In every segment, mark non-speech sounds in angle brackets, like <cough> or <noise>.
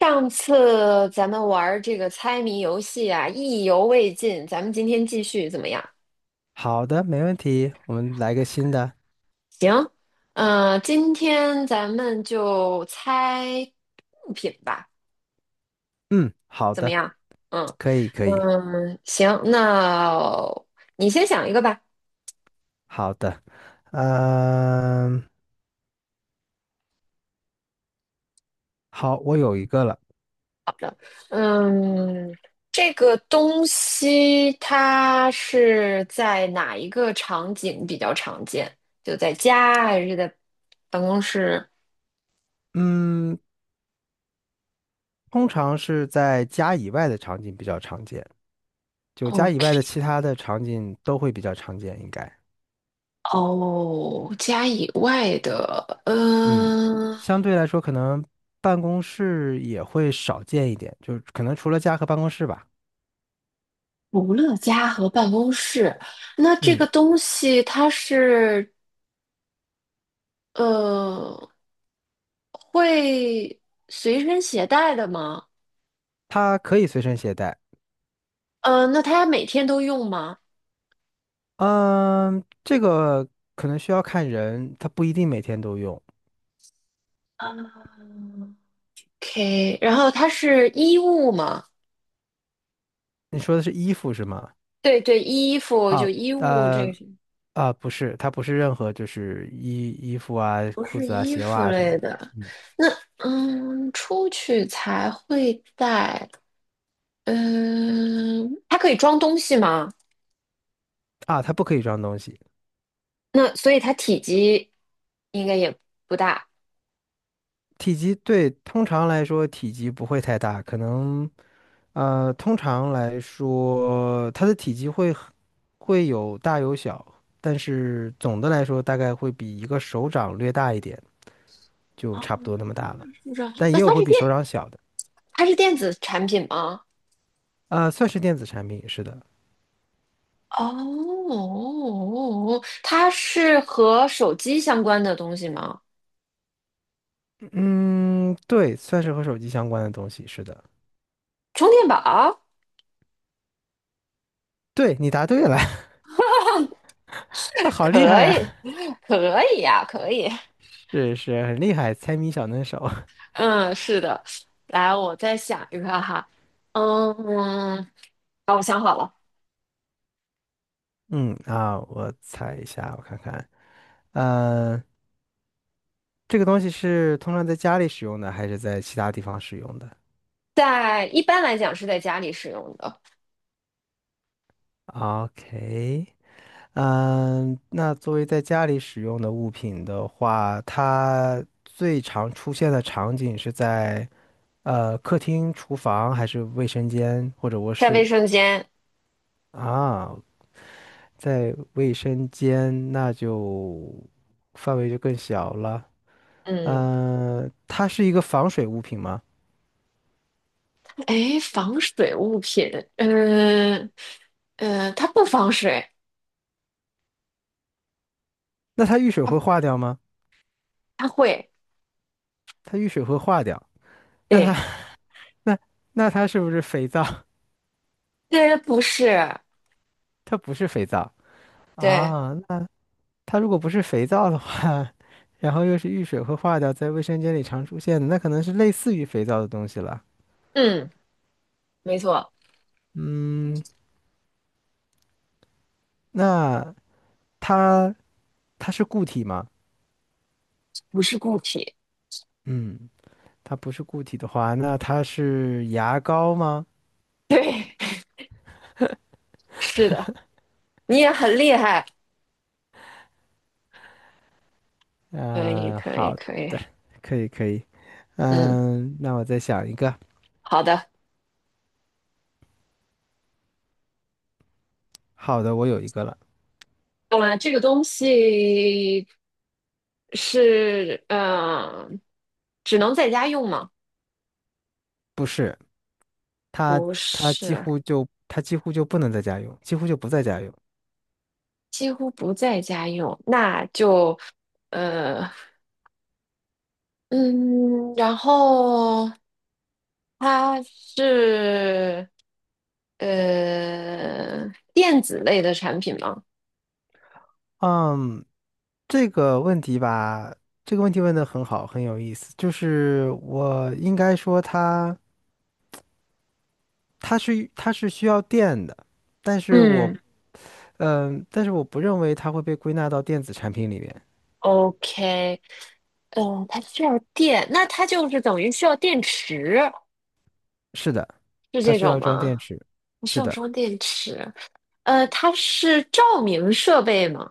上次咱们玩儿这个猜谜游戏啊，意犹未尽，咱们今天继续怎么样？好的，没问题，我们来个新的。行，今天咱们就猜物品吧，嗯，好怎么的，样？嗯可以，可以，嗯，行，那你先想一个吧。好的。嗯，好，我有一个了。嗯，这个东西它是在哪一个场景比较常见？就在家还是在办公室？嗯，通常是在家以外的场景比较常见，就家 o 以外的 k 其他的场景都会比较常见，应该。哦，家以外的，嗯，相对来说，可能办公室也会少见一点，就是可能除了家和办公室吧。除了家和办公室，那这个嗯，东西它是呃会随身携带的吗？它可以随身携带。嗯，那它每天都用吗？嗯，这个可能需要看人，他不一定每天都用。嗯 o k 然后它是衣物吗？你说的是衣服是吗？对对，衣服就啊，衣物，呃，这是啊，不是，它不是任何就是衣服啊、不裤是子啊、衣鞋服袜啊什么类的。的？嗯，出去才会带。它可以装东西吗？啊，它不可以装东西。那所以它体积应该也不大。体积对，通常来说体积不会太大，可能通常来说它的体积会有大有小，但是总的来说大概会比一个手掌略大一点，就啊，差不多那么大了。是这样。但那也有它会是比手掌小的，它是电子产品吗？啊，算是电子产品，是的。哦，它是和手机相关的东西吗？嗯，对，算是和手机相关的东西，是的。充电宝？对，你答对了，<laughs> <laughs> 啊，好厉害可呀！以，可以呀、可以。是是，很厉害，猜谜小能手。嗯，是的。来，我再想一个哈。嗯，好，我想好了，<laughs> 嗯啊，我猜一下，我看看，嗯，这个东西是通常在家里使用的，还是在其他地方使用的在一般来讲是在家里使用的，？OK，嗯，那作为在家里使用的物品的话，它最常出现的场景是在客厅、厨房，还是卫生间或者卧在卫室？生间。啊在卫生间那就范围就更小了。嗯。嗯、它是一个防水物品吗？哎，防水物品，嗯嗯，它不防水，那它遇水会它化掉吗？它会，它遇水会化掉。那它 对，<laughs> 那它是不是肥皂？这不是，<laughs> 它不是肥皂对，啊。那它如果不是肥皂的话，<laughs> 然后又是遇水会化掉，在卫生间里常出现的，那可能是类似于肥皂的东西了。嗯，没错，嗯，那它它是固体吗？不是固体，嗯，它不是固体的话，那它是牙膏吗？对，<laughs> 是的，你也很厉害，可以，嗯、可以，好可以，的，可以可以。嗯，嗯，那我再想一个。好的，好的，我有一个了。了，这个东西是，只能在家用吗？不是，它不它几是，乎就它几乎就不能在家用，几乎就不在家用。几乎不在家用，那就，呃。嗯，然后它是呃电子类的产品吗嗯，这个问题吧，这个问题问得很好，很有意思。就是我应该说它它是需要电的，但是我嗯，嗯，但是我不认为它会被归纳到电子产品里面。？OK，它需要电，那它就是等于需要电池，是的，是它这需种要装吗？电池。你需是要的。装电池。它是照明设备吗？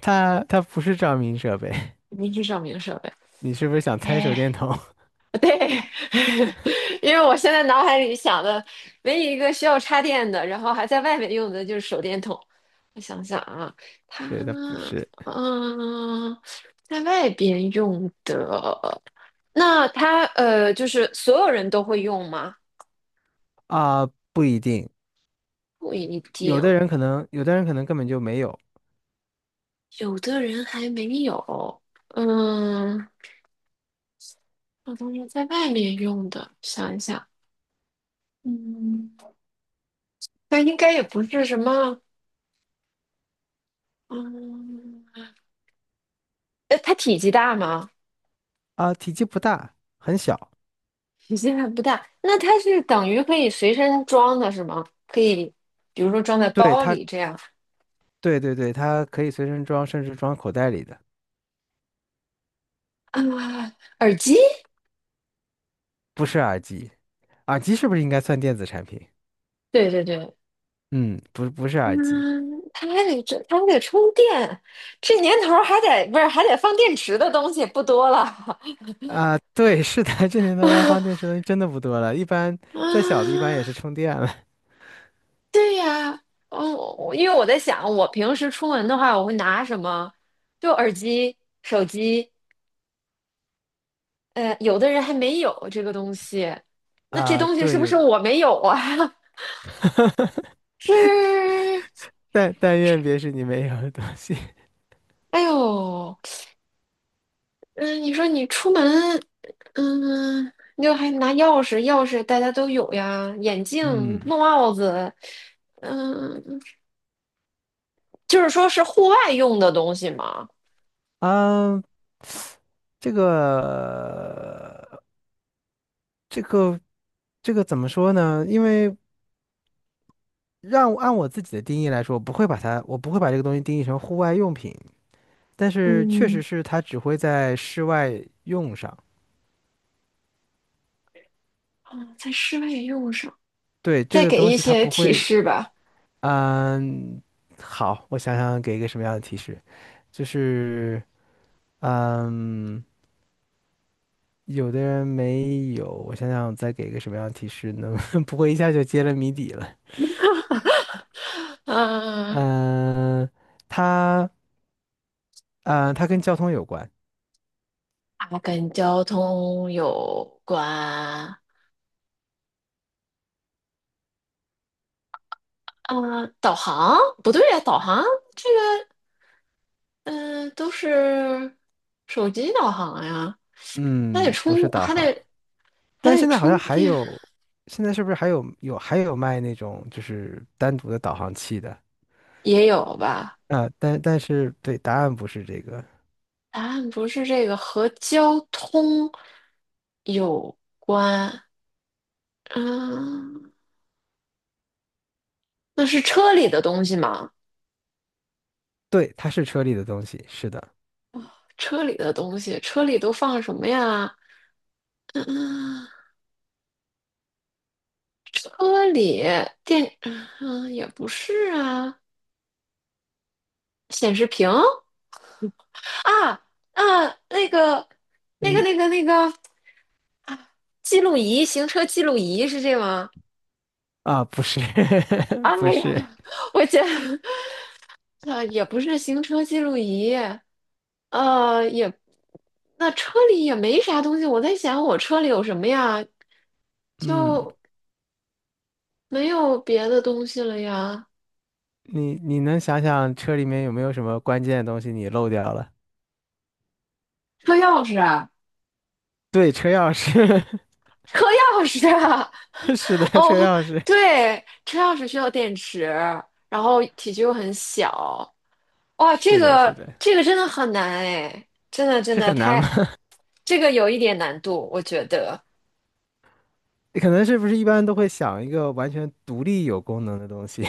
它不是照明设备，肯定是照明设备。<laughs> 你是不是想猜手哎。电筒？<laughs> 因为我现在脑海里想的唯一一个需要插电的，然后还在外面用的就是手电筒。我想想啊，它 <laughs> 对，它不是嗯、在外边用的，那它就是所有人都会用吗？啊，不一定，不一有定，的人可能，有的人可能根本就没有有的人还没有。嗯，我都是在外面用的，想一想，嗯，那应该也不是什么，嗯，它体积大吗？啊，体积不大，很小。体积还不大，那它是等于可以随身装的是吗？可以，比如说装在对包它，里这样对对对，它可以随身装，甚至装口袋里的，啊。耳机，不是耳机。耳机是不是应该算电子产品？对对对，嗯，不，不是耳机嗯，它还得充电，这年头儿不是还得放电池的东西不多了 啊，对，是的，<laughs> 这年头要放电池 <laughs> 的东西真的不多了，一般再小的，一般也是啊。充电了对呀，哦，我因为我在想，我平时出门的话，我会拿什么？就耳机、手机，有的人还没有这个东西，那这啊，东西是对，不有是的，我没有啊？<laughs> <laughs> 是，但愿别是你没有的东西。哎呦，嗯，你说你出门，嗯，你就还拿钥匙，钥匙大家都有呀，眼 <laughs> 镜、嗯。帽子，嗯，就是说是户外用的东西嘛，嗯，这个这个这个怎么说呢？因为让按我自己的定义来说，我不会把它，我不会把这个东西定义成户外用品，但是确实嗯，是它只会在室外用上。啊，在室外也用上。对，这再个给东一西它些不提会，示吧，嗯，好，我想想给一个什么样的提示，就是嗯，有的人没有，我想想再给一个什么样的提示呢？<laughs> 不会一下就揭了谜底了。嗯，嗯，它。它跟交通有关，它跟交通有关，啊，导航不对呀，导航。这个。嗯、都是手机导航呀，还得嗯，不是充，导还航。得还但是得现在好像充还电，有，现在是不是还有卖那种就是单独的导航器的也有吧？啊？但是对，答案不是这个，答案不是这个，和交通有关。嗯，那是车里的东西吗？对，它是车里的东西，是的，车里的东西，车里都放什么呀？嗯嗯，车里电，也不是啊，显示屏啊啊，那个，那个，嗯那个，那个。记录仪，行车记录仪是这吗？啊，不是 <laughs> 哎不呀，是，我觉得啊，也不是行车记录仪，呃，也那车里也没啥东西。我在想，我车里有什么呀？嗯，就没有别的东西了呀。你能想想车里面有没有什么关键的东西你漏掉了？车钥匙啊对，车钥匙，车钥匙啊 <laughs> 是的，<laughs> 哦，车钥匙，对，车钥匙需要电池，然后体积又很小，<laughs> 哇，这是的，是个的，这个真的很难哎，真的真是的很难吗？太，这个有一点难度，我觉得。你可能是不是一般都会想一个完全独立有功能的东西？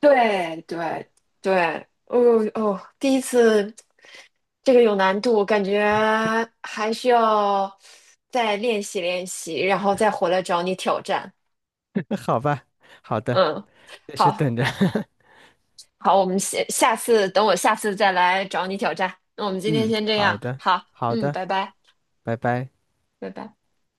对对对，哦哦，第一次这个有难度，感觉还需要再练习练习，然后再回来找你挑战。<laughs> 好吧，好的，嗯，也是好等着。好，我们下下次等我下次再来找你挑战。那我们 <laughs> 今天嗯，先这好样，的，好，好嗯，的，拜拜，拜拜。拜拜。